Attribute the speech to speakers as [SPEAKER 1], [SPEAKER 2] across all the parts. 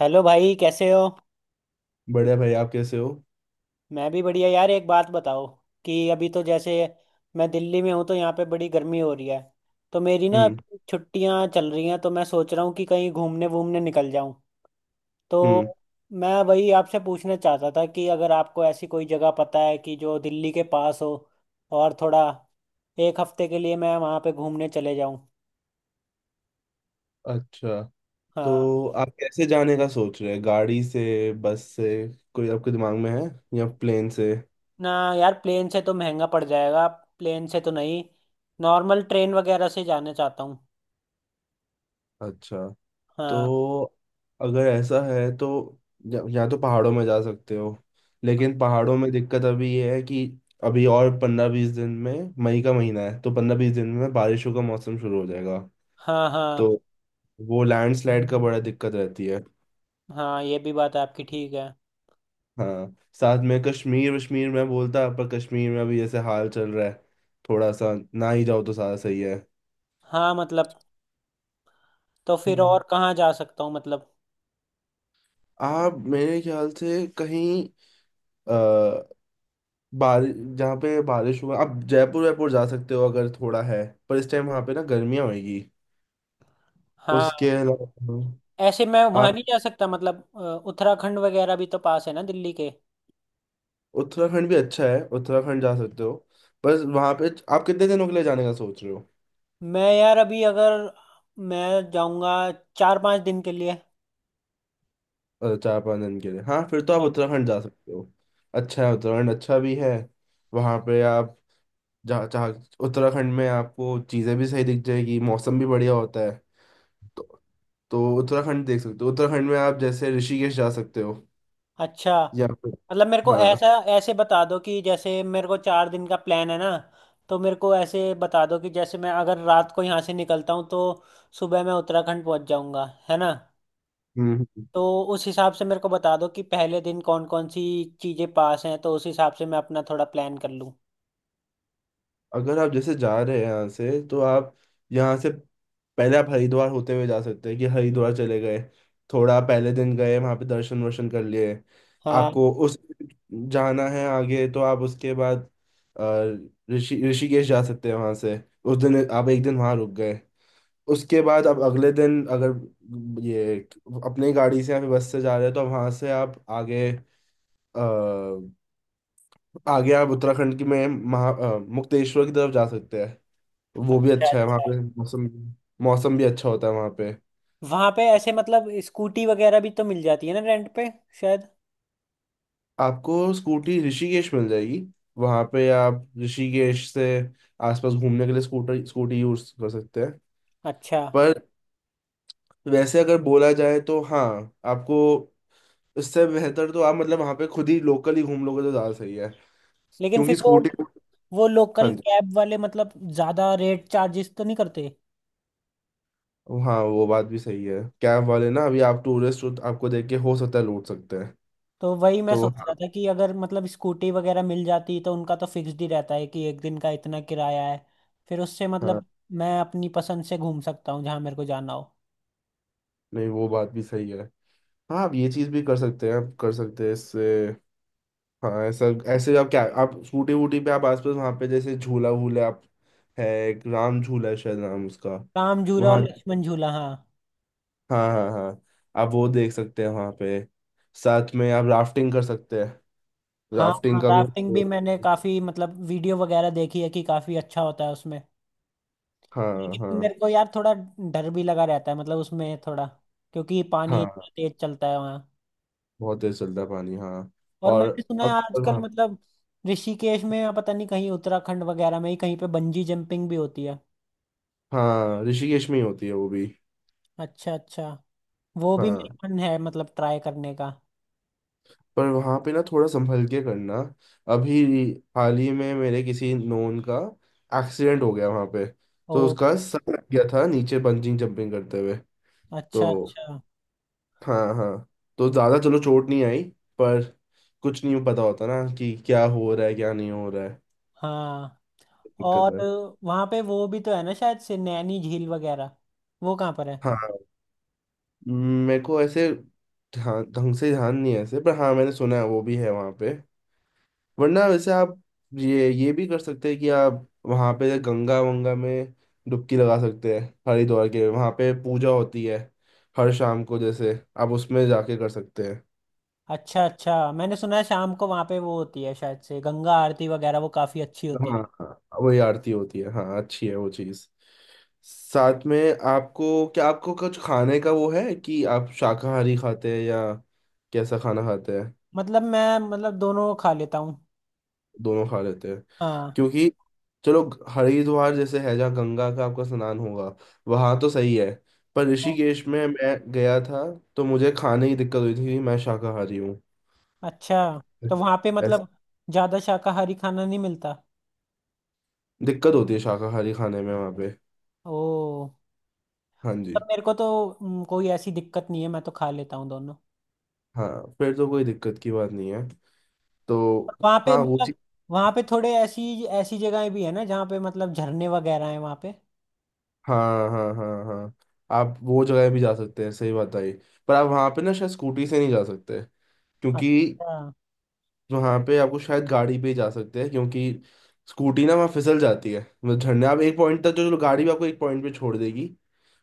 [SPEAKER 1] Hello भाई, कैसे हो।
[SPEAKER 2] बढ़िया भाई, आप कैसे हो।
[SPEAKER 1] मैं भी बढ़िया यार, एक बात बताओ कि अभी तो जैसे मैं दिल्ली में हूँ तो यहाँ पे बड़ी गर्मी हो रही है। तो मेरी ना
[SPEAKER 2] हम्म।
[SPEAKER 1] छुट्टियाँ चल रही हैं, तो मैं सोच रहा हूँ कि कहीं घूमने वूमने निकल जाऊँ।
[SPEAKER 2] हम्म।
[SPEAKER 1] तो मैं वही आपसे पूछना चाहता था कि अगर आपको ऐसी कोई जगह पता है कि जो दिल्ली के पास हो और थोड़ा एक हफ्ते के लिए मैं वहाँ पे घूमने चले जाऊँ।
[SPEAKER 2] अच्छा।
[SPEAKER 1] हाँ।
[SPEAKER 2] तो आप कैसे जाने का सोच रहे हैं? गाड़ी से, बस से? कोई आपके दिमाग में है, या प्लेन से?
[SPEAKER 1] ना यार, प्लेन से तो महंगा पड़ जाएगा। प्लेन से तो नहीं, नॉर्मल ट्रेन वगैरह से जाना चाहता हूँ।
[SPEAKER 2] अच्छा।
[SPEAKER 1] हाँ
[SPEAKER 2] तो अगर ऐसा है तो या तो पहाड़ों में जा सकते हो। लेकिन पहाड़ों में दिक्कत अभी ये है कि अभी और 15-20 दिन में मई का महीना है, तो 15-20 दिन में बारिशों का मौसम शुरू हो जाएगा।
[SPEAKER 1] हाँ।
[SPEAKER 2] तो
[SPEAKER 1] हाँ
[SPEAKER 2] वो लैंडस्लाइड का बड़ा दिक्कत रहती है।
[SPEAKER 1] हाँ, ये भी बात आपकी ठीक है।
[SPEAKER 2] हाँ, साथ में कश्मीर वश्मीर में बोलता, पर कश्मीर में अभी जैसे हाल चल रहा है थोड़ा सा, ना ही जाओ तो सारा सही है।
[SPEAKER 1] हाँ मतलब, तो फिर
[SPEAKER 2] हम्म।
[SPEAKER 1] और कहाँ जा सकता हूँ मतलब।
[SPEAKER 2] आप मेरे ख्याल से कहीं आ, बारिश जहाँ पे बारिश हुआ आप जयपुर वायपुर जा सकते हो अगर थोड़ा है, पर इस टाइम वहाँ पे ना गर्मियाँ होगी। उसके
[SPEAKER 1] हाँ,
[SPEAKER 2] अलावा
[SPEAKER 1] ऐसे मैं वहाँ
[SPEAKER 2] आप
[SPEAKER 1] नहीं जा सकता मतलब। उत्तराखंड वगैरह भी तो पास है ना दिल्ली के।
[SPEAKER 2] उत्तराखंड भी अच्छा है, उत्तराखंड जा सकते हो। बस वहाँ पे आप कितने दिनों के लिए जाने का सोच रहे हो?
[SPEAKER 1] मैं यार अभी अगर मैं जाऊँगा चार पाँच दिन के लिए।
[SPEAKER 2] 4-5 दिन के लिए हाँ, फिर तो आप
[SPEAKER 1] हाँ,
[SPEAKER 2] उत्तराखंड जा सकते हो। अच्छा है उत्तराखंड, अच्छा भी है। वहाँ पे आप जा चाह उत्तराखंड में आपको चीज़ें भी सही दिख जाएगी, मौसम भी बढ़िया होता है। तो तो उत्तराखंड देख सकते हो। उत्तराखंड में आप जैसे ऋषिकेश जा सकते हो,
[SPEAKER 1] अच्छा।
[SPEAKER 2] या फिर
[SPEAKER 1] मतलब मेरे को
[SPEAKER 2] हाँ।
[SPEAKER 1] ऐसा ऐसे बता दो कि जैसे मेरे को चार दिन का प्लान है ना, तो मेरे को ऐसे बता दो कि जैसे मैं अगर रात को यहाँ से निकलता हूँ तो सुबह मैं उत्तराखंड पहुँच जाऊँगा, है ना।
[SPEAKER 2] हम्म। हम्म।
[SPEAKER 1] तो उस हिसाब से मेरे को बता दो कि पहले दिन कौन कौन सी चीजें पास हैं, तो उस हिसाब से मैं अपना थोड़ा प्लान कर लूँ।
[SPEAKER 2] अगर आप जैसे जा रहे हैं यहाँ से तो आप यहाँ से पहले आप हरिद्वार होते हुए जा सकते हैं कि हरिद्वार चले गए, थोड़ा पहले दिन गए, वहाँ पे दर्शन वर्शन कर लिए।
[SPEAKER 1] हाँ।
[SPEAKER 2] आपको उस जाना है आगे, तो आप उसके बाद ऋषिकेश जा सकते हैं। वहाँ से उस दिन आप एक दिन वहाँ रुक गए, उसके बाद आप अगले दिन अगर ये अपनी गाड़ी से या फिर बस से जा रहे हैं तो वहाँ से आप आगे अ, आगे आप उत्तराखंड की में महा मुक्तेश्वर की तरफ जा सकते हैं। वो भी
[SPEAKER 1] अच्छा
[SPEAKER 2] अच्छा है, वहाँ
[SPEAKER 1] अच्छा।
[SPEAKER 2] पे मौसम मौसम भी अच्छा होता है। वहाँ पे
[SPEAKER 1] वहां पे ऐसे मतलब स्कूटी वगैरह भी तो मिल जाती है ना रेंट पे, शायद।
[SPEAKER 2] आपको स्कूटी ऋषिकेश मिल जाएगी। वहाँ पे आप ऋषिकेश से आसपास घूमने के लिए स्कूटर स्कूटी यूज कर सकते हैं।
[SPEAKER 1] अच्छा।
[SPEAKER 2] पर वैसे अगर बोला जाए तो हाँ, आपको इससे बेहतर तो आप मतलब वहाँ पे खुद ही लोकल ही घूम लोगे तो ज़्यादा सही है,
[SPEAKER 1] लेकिन फिर
[SPEAKER 2] क्योंकि
[SPEAKER 1] वो
[SPEAKER 2] स्कूटी।
[SPEAKER 1] वो
[SPEAKER 2] हाँ
[SPEAKER 1] लोकल
[SPEAKER 2] जी।
[SPEAKER 1] कैब वाले मतलब ज्यादा रेट चार्जेस तो नहीं करते।
[SPEAKER 2] हाँ, वो बात भी सही है। कैब वाले ना अभी आप टूरिस्ट हो तो आपको देख के हो सकता है लूट सकते हैं।
[SPEAKER 1] तो वही मैं
[SPEAKER 2] तो
[SPEAKER 1] सोच रहा
[SPEAKER 2] हाँ।
[SPEAKER 1] था कि अगर मतलब स्कूटी वगैरह मिल जाती तो उनका तो फिक्स्ड ही रहता है कि एक दिन का इतना किराया है। फिर उससे
[SPEAKER 2] हाँ,
[SPEAKER 1] मतलब मैं अपनी पसंद से घूम सकता हूँ जहाँ मेरे को जाना हो।
[SPEAKER 2] नहीं वो बात भी सही है। हाँ, आप ये चीज भी कर सकते हैं, आप कर सकते हैं इससे। हाँ, ऐसा, ऐसे आप क्या आप स्कूटी वूटी पे आप आसपास वहाँ पे जैसे झूला वूला आप है एक राम झूला है शायद नाम उसका,
[SPEAKER 1] राम झूला और
[SPEAKER 2] वहाँ
[SPEAKER 1] लक्ष्मण झूला, हाँ।
[SPEAKER 2] हाँ हाँ हाँ। आप वो देख सकते हैं वहाँ पे। साथ में आप राफ्टिंग कर सकते हैं।
[SPEAKER 1] हाँ हाँ,
[SPEAKER 2] राफ्टिंग का भी
[SPEAKER 1] राफ्टिंग भी मैंने काफी मतलब वीडियो वगैरह देखी है कि काफी अच्छा होता है उसमें।
[SPEAKER 2] हाँ।
[SPEAKER 1] लेकिन
[SPEAKER 2] हाँ
[SPEAKER 1] मेरे को यार थोड़ा डर भी लगा रहता है मतलब उसमें थोड़ा, क्योंकि पानी इतना
[SPEAKER 2] हाँ।
[SPEAKER 1] तेज चलता है वहाँ।
[SPEAKER 2] बहुत तेज चलता है पानी, हाँ।
[SPEAKER 1] और
[SPEAKER 2] और
[SPEAKER 1] मैंने सुना है
[SPEAKER 2] अक्सर
[SPEAKER 1] आजकल
[SPEAKER 2] हाँ।
[SPEAKER 1] मतलब ऋषिकेश में या पता नहीं कहीं उत्तराखंड वगैरह में ही कहीं पे बंजी जंपिंग भी होती है।
[SPEAKER 2] हाँ, ऋषिकेश में ही होती है वो भी।
[SPEAKER 1] अच्छा अच्छा, वो भी
[SPEAKER 2] हाँ,
[SPEAKER 1] मेरा मन है मतलब ट्राई करने का।
[SPEAKER 2] पर वहां पे ना थोड़ा संभल के करना। अभी हाल ही में मेरे किसी नोन का एक्सीडेंट हो गया वहां पे। तो
[SPEAKER 1] ओ,
[SPEAKER 2] उसका सर लग गया था नीचे बंजिंग जंपिंग करते हुए।
[SPEAKER 1] अच्छा
[SPEAKER 2] तो
[SPEAKER 1] अच्छा।
[SPEAKER 2] हाँ हाँ। तो ज्यादा चलो चोट नहीं आई, पर कुछ नहीं पता होता ना कि क्या हो रहा है क्या नहीं हो रहा है।
[SPEAKER 1] हाँ
[SPEAKER 2] दिक्कत
[SPEAKER 1] और
[SPEAKER 2] है।
[SPEAKER 1] वहाँ पे वो भी तो है ना शायद से, नैनी झील वगैरह। वो कहाँ पर है।
[SPEAKER 2] हाँ, मेरे को ऐसे ध्यान ढंग से ध्यान नहीं है ऐसे, पर हाँ मैंने सुना है वो भी है वहां पे। वरना वैसे आप ये भी कर सकते हैं कि आप वहाँ पे गंगा वंगा में डुबकी लगा सकते हैं। हरिद्वार के वहाँ पे पूजा होती है हर शाम को, जैसे आप उसमें जाके कर सकते हैं।
[SPEAKER 1] अच्छा अच्छा, मैंने सुना है शाम को वहाँ पे वो होती है शायद से गंगा आरती वगैरह, वो काफ़ी अच्छी होती
[SPEAKER 2] हाँ
[SPEAKER 1] है।
[SPEAKER 2] हाँ, वही आरती होती है हाँ। अच्छी है वो चीज़। साथ में आपको क्या आपको कुछ खाने का वो है कि आप शाकाहारी खाते हैं या कैसा खाना खाते हैं?
[SPEAKER 1] मतलब मैं मतलब दोनों खा लेता हूँ।
[SPEAKER 2] दोनों खा लेते हैं?
[SPEAKER 1] हाँ।
[SPEAKER 2] क्योंकि चलो हरिद्वार जैसे है जहाँ गंगा का आपका स्नान होगा, वहां तो सही है। पर ऋषिकेश में मैं गया था तो मुझे खाने की दिक्कत हुई थी क्योंकि मैं शाकाहारी हूँ।
[SPEAKER 1] अच्छा, तो वहाँ पे
[SPEAKER 2] ऐसे
[SPEAKER 1] मतलब ज़्यादा शाकाहारी खाना नहीं मिलता।
[SPEAKER 2] दिक्कत होती है शाकाहारी खाने में वहाँ पे।
[SPEAKER 1] ओ।
[SPEAKER 2] हाँ
[SPEAKER 1] पर
[SPEAKER 2] जी।
[SPEAKER 1] मेरे को तो कोई ऐसी दिक्कत नहीं है, मैं तो खा लेता हूँ दोनों।
[SPEAKER 2] हाँ, फिर तो कोई दिक्कत की बात नहीं है।
[SPEAKER 1] पर
[SPEAKER 2] तो
[SPEAKER 1] वहाँ पे
[SPEAKER 2] हाँ, वो
[SPEAKER 1] मतलब
[SPEAKER 2] चीज।
[SPEAKER 1] वहाँ पे थोड़े ऐसी ऐसी जगहें भी है ना जहाँ पे मतलब झरने वगैरह हैं वहाँ पे।
[SPEAKER 2] हाँ हाँ हाँ हाँ, आप वो जगह भी जा सकते हैं, सही बात आई। पर आप वहाँ पे ना शायद स्कूटी से नहीं जा सकते, क्योंकि
[SPEAKER 1] अच्छा
[SPEAKER 2] तो वहाँ पे आपको शायद गाड़ी पे ही जा सकते हैं, क्योंकि स्कूटी ना वहाँ फिसल जाती है। मतलब झरने आप एक पॉइंट तक जो जो गाड़ी भी आपको एक पॉइंट पे छोड़ देगी,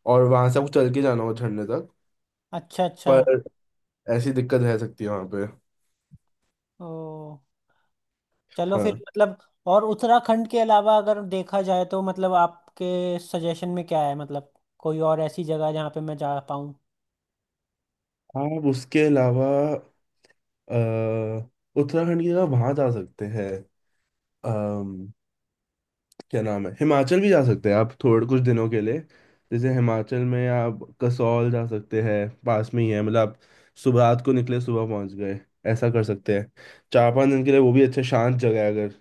[SPEAKER 2] और वहां से आपको चल के जाना हो झरने तक।
[SPEAKER 1] अच्छा। अच्छा।
[SPEAKER 2] पर ऐसी दिक्कत रह सकती है वहाँ पे।
[SPEAKER 1] ओ, चलो फिर
[SPEAKER 2] हाँ,
[SPEAKER 1] मतलब, और उत्तराखंड के अलावा अगर देखा जाए तो मतलब आपके सजेशन में क्या है मतलब, कोई और ऐसी जगह जहाँ पे मैं जा पाऊँ।
[SPEAKER 2] आप उसके अलावा अ, उत्तराखंड की जगह वहाँ जा सकते हैं। क्या नाम है, हिमाचल भी जा सकते हैं आप थोड़े कुछ दिनों के लिए। जैसे हिमाचल में आप कसौल जा सकते हैं, पास में ही है। मतलब आप सुबह रात को निकले, सुबह पहुंच गए, ऐसा कर सकते हैं। 4-5 दिन के लिए वो भी अच्छा शांत जगह है। अगर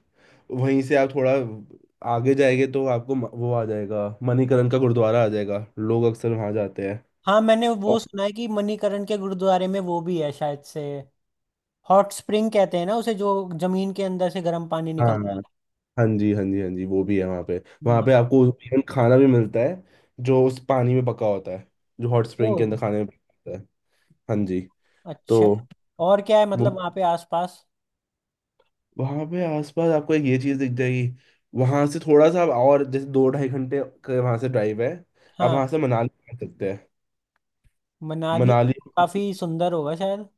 [SPEAKER 2] वहीं से आप थोड़ा आगे जाएंगे तो आपको वो आ जाएगा मणिकरण का गुरुद्वारा आ जाएगा, लोग अक्सर वहां जाते हैं।
[SPEAKER 1] हाँ मैंने वो
[SPEAKER 2] और
[SPEAKER 1] सुना है कि मणिकरण के गुरुद्वारे में वो भी है शायद से, हॉट स्प्रिंग कहते हैं ना उसे, जो जमीन के अंदर से गर्म पानी
[SPEAKER 2] हाँ,
[SPEAKER 1] निकलता
[SPEAKER 2] हाँ जी हाँ जी हाँ जी, वो भी है वहाँ पे। वहाँ
[SPEAKER 1] है।
[SPEAKER 2] पे आपको even खाना भी मिलता है जो उस पानी में पका होता है, जो हॉट
[SPEAKER 1] ओ,
[SPEAKER 2] स्प्रिंग के अंदर खाने में पका होता है। हाँ जी। तो
[SPEAKER 1] अच्छा। और क्या है मतलब वहाँ पे आसपास।
[SPEAKER 2] वहां पे आसपास आपको एक ये चीज दिख जाएगी। वहां से थोड़ा सा आप और जैसे 2-2.5 घंटे के वहां से ड्राइव है, आप
[SPEAKER 1] हाँ,
[SPEAKER 2] वहां से मनाली जा सकते हैं।
[SPEAKER 1] मनाली।
[SPEAKER 2] मनाली।
[SPEAKER 1] काफी सुंदर होगा शायद।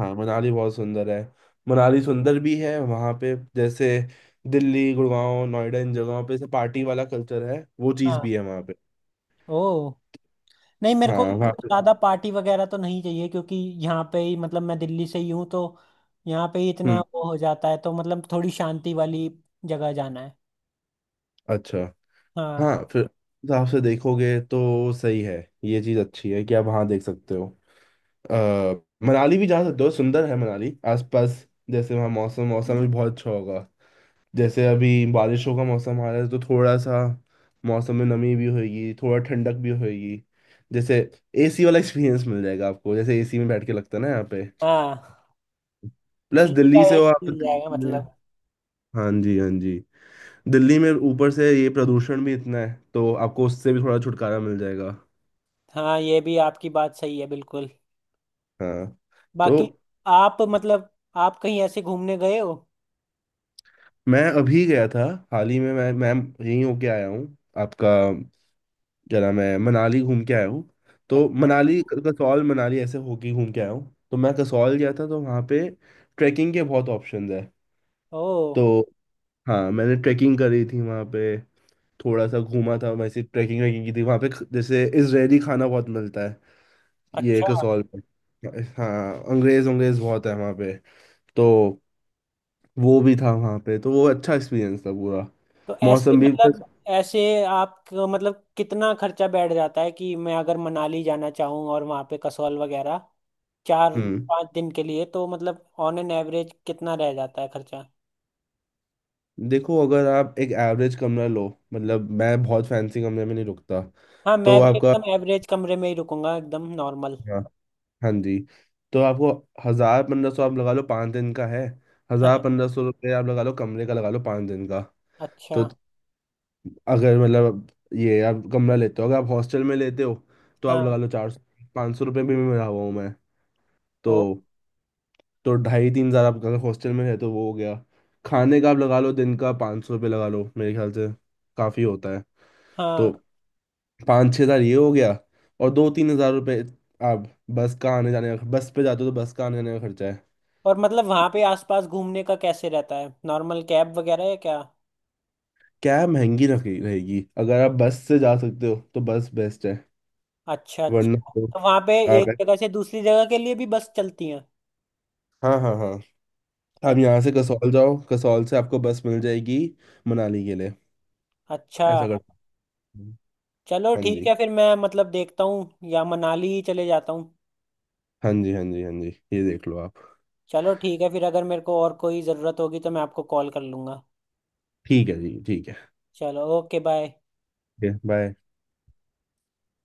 [SPEAKER 2] हाँ, मनाली बहुत सुंदर है। मनाली सुंदर भी है। वहां पे जैसे दिल्ली गुड़गांव नोएडा इन जगहों पे से पार्टी वाला कल्चर है, वो चीज
[SPEAKER 1] हाँ।
[SPEAKER 2] भी है वहां पे।
[SPEAKER 1] ओ, नहीं मेरे को
[SPEAKER 2] हाँ वहाँ
[SPEAKER 1] मतलब
[SPEAKER 2] पे।
[SPEAKER 1] ज्यादा पार्टी वगैरह तो नहीं चाहिए, क्योंकि यहाँ पे ही मतलब मैं दिल्ली से ही हूँ तो यहाँ पे ही इतना
[SPEAKER 2] हम्म।
[SPEAKER 1] वो हो जाता है, तो मतलब थोड़ी शांति वाली जगह जाना है।
[SPEAKER 2] अच्छा।
[SPEAKER 1] हाँ।
[SPEAKER 2] हाँ, फिर उस हिसाब से देखोगे तो सही है, ये चीज अच्छी है कि आप वहां देख सकते हो। आ, मनाली भी जा सकते हो, सुंदर है मनाली। आसपास जैसे वहाँ मौसम मौसम भी बहुत अच्छा होगा। जैसे अभी बारिशों का मौसम आ रहा है, तो थोड़ा सा मौसम में नमी भी होगी, थोड़ा ठंडक भी होगी। जैसे एसी वाला एक्सपीरियंस मिल जाएगा आपको, जैसे एसी में बैठ के लगता है ना यहाँ पे।
[SPEAKER 1] हाँ
[SPEAKER 2] प्लस
[SPEAKER 1] फ्री का
[SPEAKER 2] दिल्ली से हो
[SPEAKER 1] एसी
[SPEAKER 2] आप तो
[SPEAKER 1] मिल जाएगा
[SPEAKER 2] दिल्ली में
[SPEAKER 1] मतलब।
[SPEAKER 2] हाँ जी हाँ जी, दिल्ली में ऊपर से ये प्रदूषण भी इतना है तो आपको उससे भी थोड़ा छुटकारा मिल जाएगा।
[SPEAKER 1] हाँ, ये भी आपकी बात सही है बिल्कुल।
[SPEAKER 2] हाँ।
[SPEAKER 1] बाकी
[SPEAKER 2] तो
[SPEAKER 1] आप मतलब आप कहीं ऐसे घूमने गए हो।
[SPEAKER 2] मैं अभी गया था, हाल ही में मैं यहीं होके आया हूँ। आपका क्या नाम है मनाली घूम के आया हूँ। तो
[SPEAKER 1] अच्छा।
[SPEAKER 2] मनाली कसौल मनाली ऐसे होके घूम के आया हूँ। तो मैं कसौल गया था, तो वहाँ पे ट्रैकिंग के बहुत ऑप्शंस है।
[SPEAKER 1] ओ,
[SPEAKER 2] तो हाँ, मैंने ट्रैकिंग करी थी वहाँ पे, थोड़ा सा घूमा था वैसे ट्रैकिंग वैकिंग की थी वहाँ पे जैसे इजरायली खाना बहुत मिलता है ये
[SPEAKER 1] अच्छा।
[SPEAKER 2] कसौल में। हाँ, अंग्रेज अंग्रेज बहुत है वहाँ पे। तो वो भी था वहाँ पे, तो वो अच्छा एक्सपीरियंस था पूरा,
[SPEAKER 1] तो ऐसे
[SPEAKER 2] मौसम भी।
[SPEAKER 1] मतलब, ऐसे आप मतलब कितना खर्चा बैठ जाता है कि मैं अगर मनाली जाना चाहूँ और वहाँ पे कसौल वगैरह, चार
[SPEAKER 2] हम्म।
[SPEAKER 1] पाँच दिन के लिए तो मतलब ऑन एन एवरेज कितना रह जाता है खर्चा।
[SPEAKER 2] देखो अगर आप एक एवरेज कमरा लो, मतलब मैं बहुत फैंसी कमरे में नहीं रुकता।
[SPEAKER 1] हाँ
[SPEAKER 2] तो
[SPEAKER 1] मैं भी
[SPEAKER 2] आपका
[SPEAKER 1] एकदम एवरेज कमरे में ही रुकूंगा एकदम नॉर्मल।
[SPEAKER 2] हाँ हाँ जी, तो आपको 1000-1500 आप लगा लो, 5 दिन का है। हजार
[SPEAKER 1] हाँ।
[SPEAKER 2] पंद्रह सौ रुपये आप लगा लो कमरे का, लगा लो पाँच दिन का।
[SPEAKER 1] अच्छा।
[SPEAKER 2] तो अगर मतलब ये आप कमरा लेते हो, अगर आप हॉस्टल में लेते हो तो आप लगा
[SPEAKER 1] हाँ।
[SPEAKER 2] लो 400-500 रुपये भी में रहा हुआ हूँ मैं। तो
[SPEAKER 1] ओ।
[SPEAKER 2] तो 2500-3000 आप अगर हॉस्टल में रहे तो वो हो गया। खाने का आप लगा लो दिन का 500 रुपये लगा लो मेरे ख्याल से काफ़ी होता है। तो
[SPEAKER 1] हाँ।
[SPEAKER 2] 5000-6000 ये हो गया, और 2000-3000 रुपये आप बस का आने जाने का, बस पे जाते हो तो बस का आने जाने का खर्चा है।
[SPEAKER 1] और मतलब वहाँ पे आसपास घूमने का कैसे रहता है, नॉर्मल कैब वगैरह है क्या।
[SPEAKER 2] कैब महंगी रहेगी, अगर आप बस से जा सकते हो तो बस बेस्ट है।
[SPEAKER 1] अच्छा अच्छा,
[SPEAKER 2] वरना तो
[SPEAKER 1] तो वहाँ पे एक
[SPEAKER 2] आप
[SPEAKER 1] जगह से दूसरी जगह के लिए भी बस चलती हैं।
[SPEAKER 2] हाँ हाँ हाँ, आप
[SPEAKER 1] अ-।
[SPEAKER 2] यहाँ से कसौल जाओ, कसौल से आपको बस मिल जाएगी मनाली के लिए।
[SPEAKER 1] अच्छा।
[SPEAKER 2] ऐसा कर सकते हो।
[SPEAKER 1] चलो
[SPEAKER 2] हाँ
[SPEAKER 1] ठीक
[SPEAKER 2] जी
[SPEAKER 1] है फिर, मैं मतलब देखता हूँ या मनाली ही चले जाता हूँ।
[SPEAKER 2] हाँ जी हाँ जी हाँ जी, ये देख लो आप।
[SPEAKER 1] चलो ठीक है फिर, अगर मेरे को और कोई ज़रूरत होगी तो मैं आपको कॉल कर लूँगा।
[SPEAKER 2] ठीक है जी, ठीक
[SPEAKER 1] चलो ओके बाय।
[SPEAKER 2] है बाय।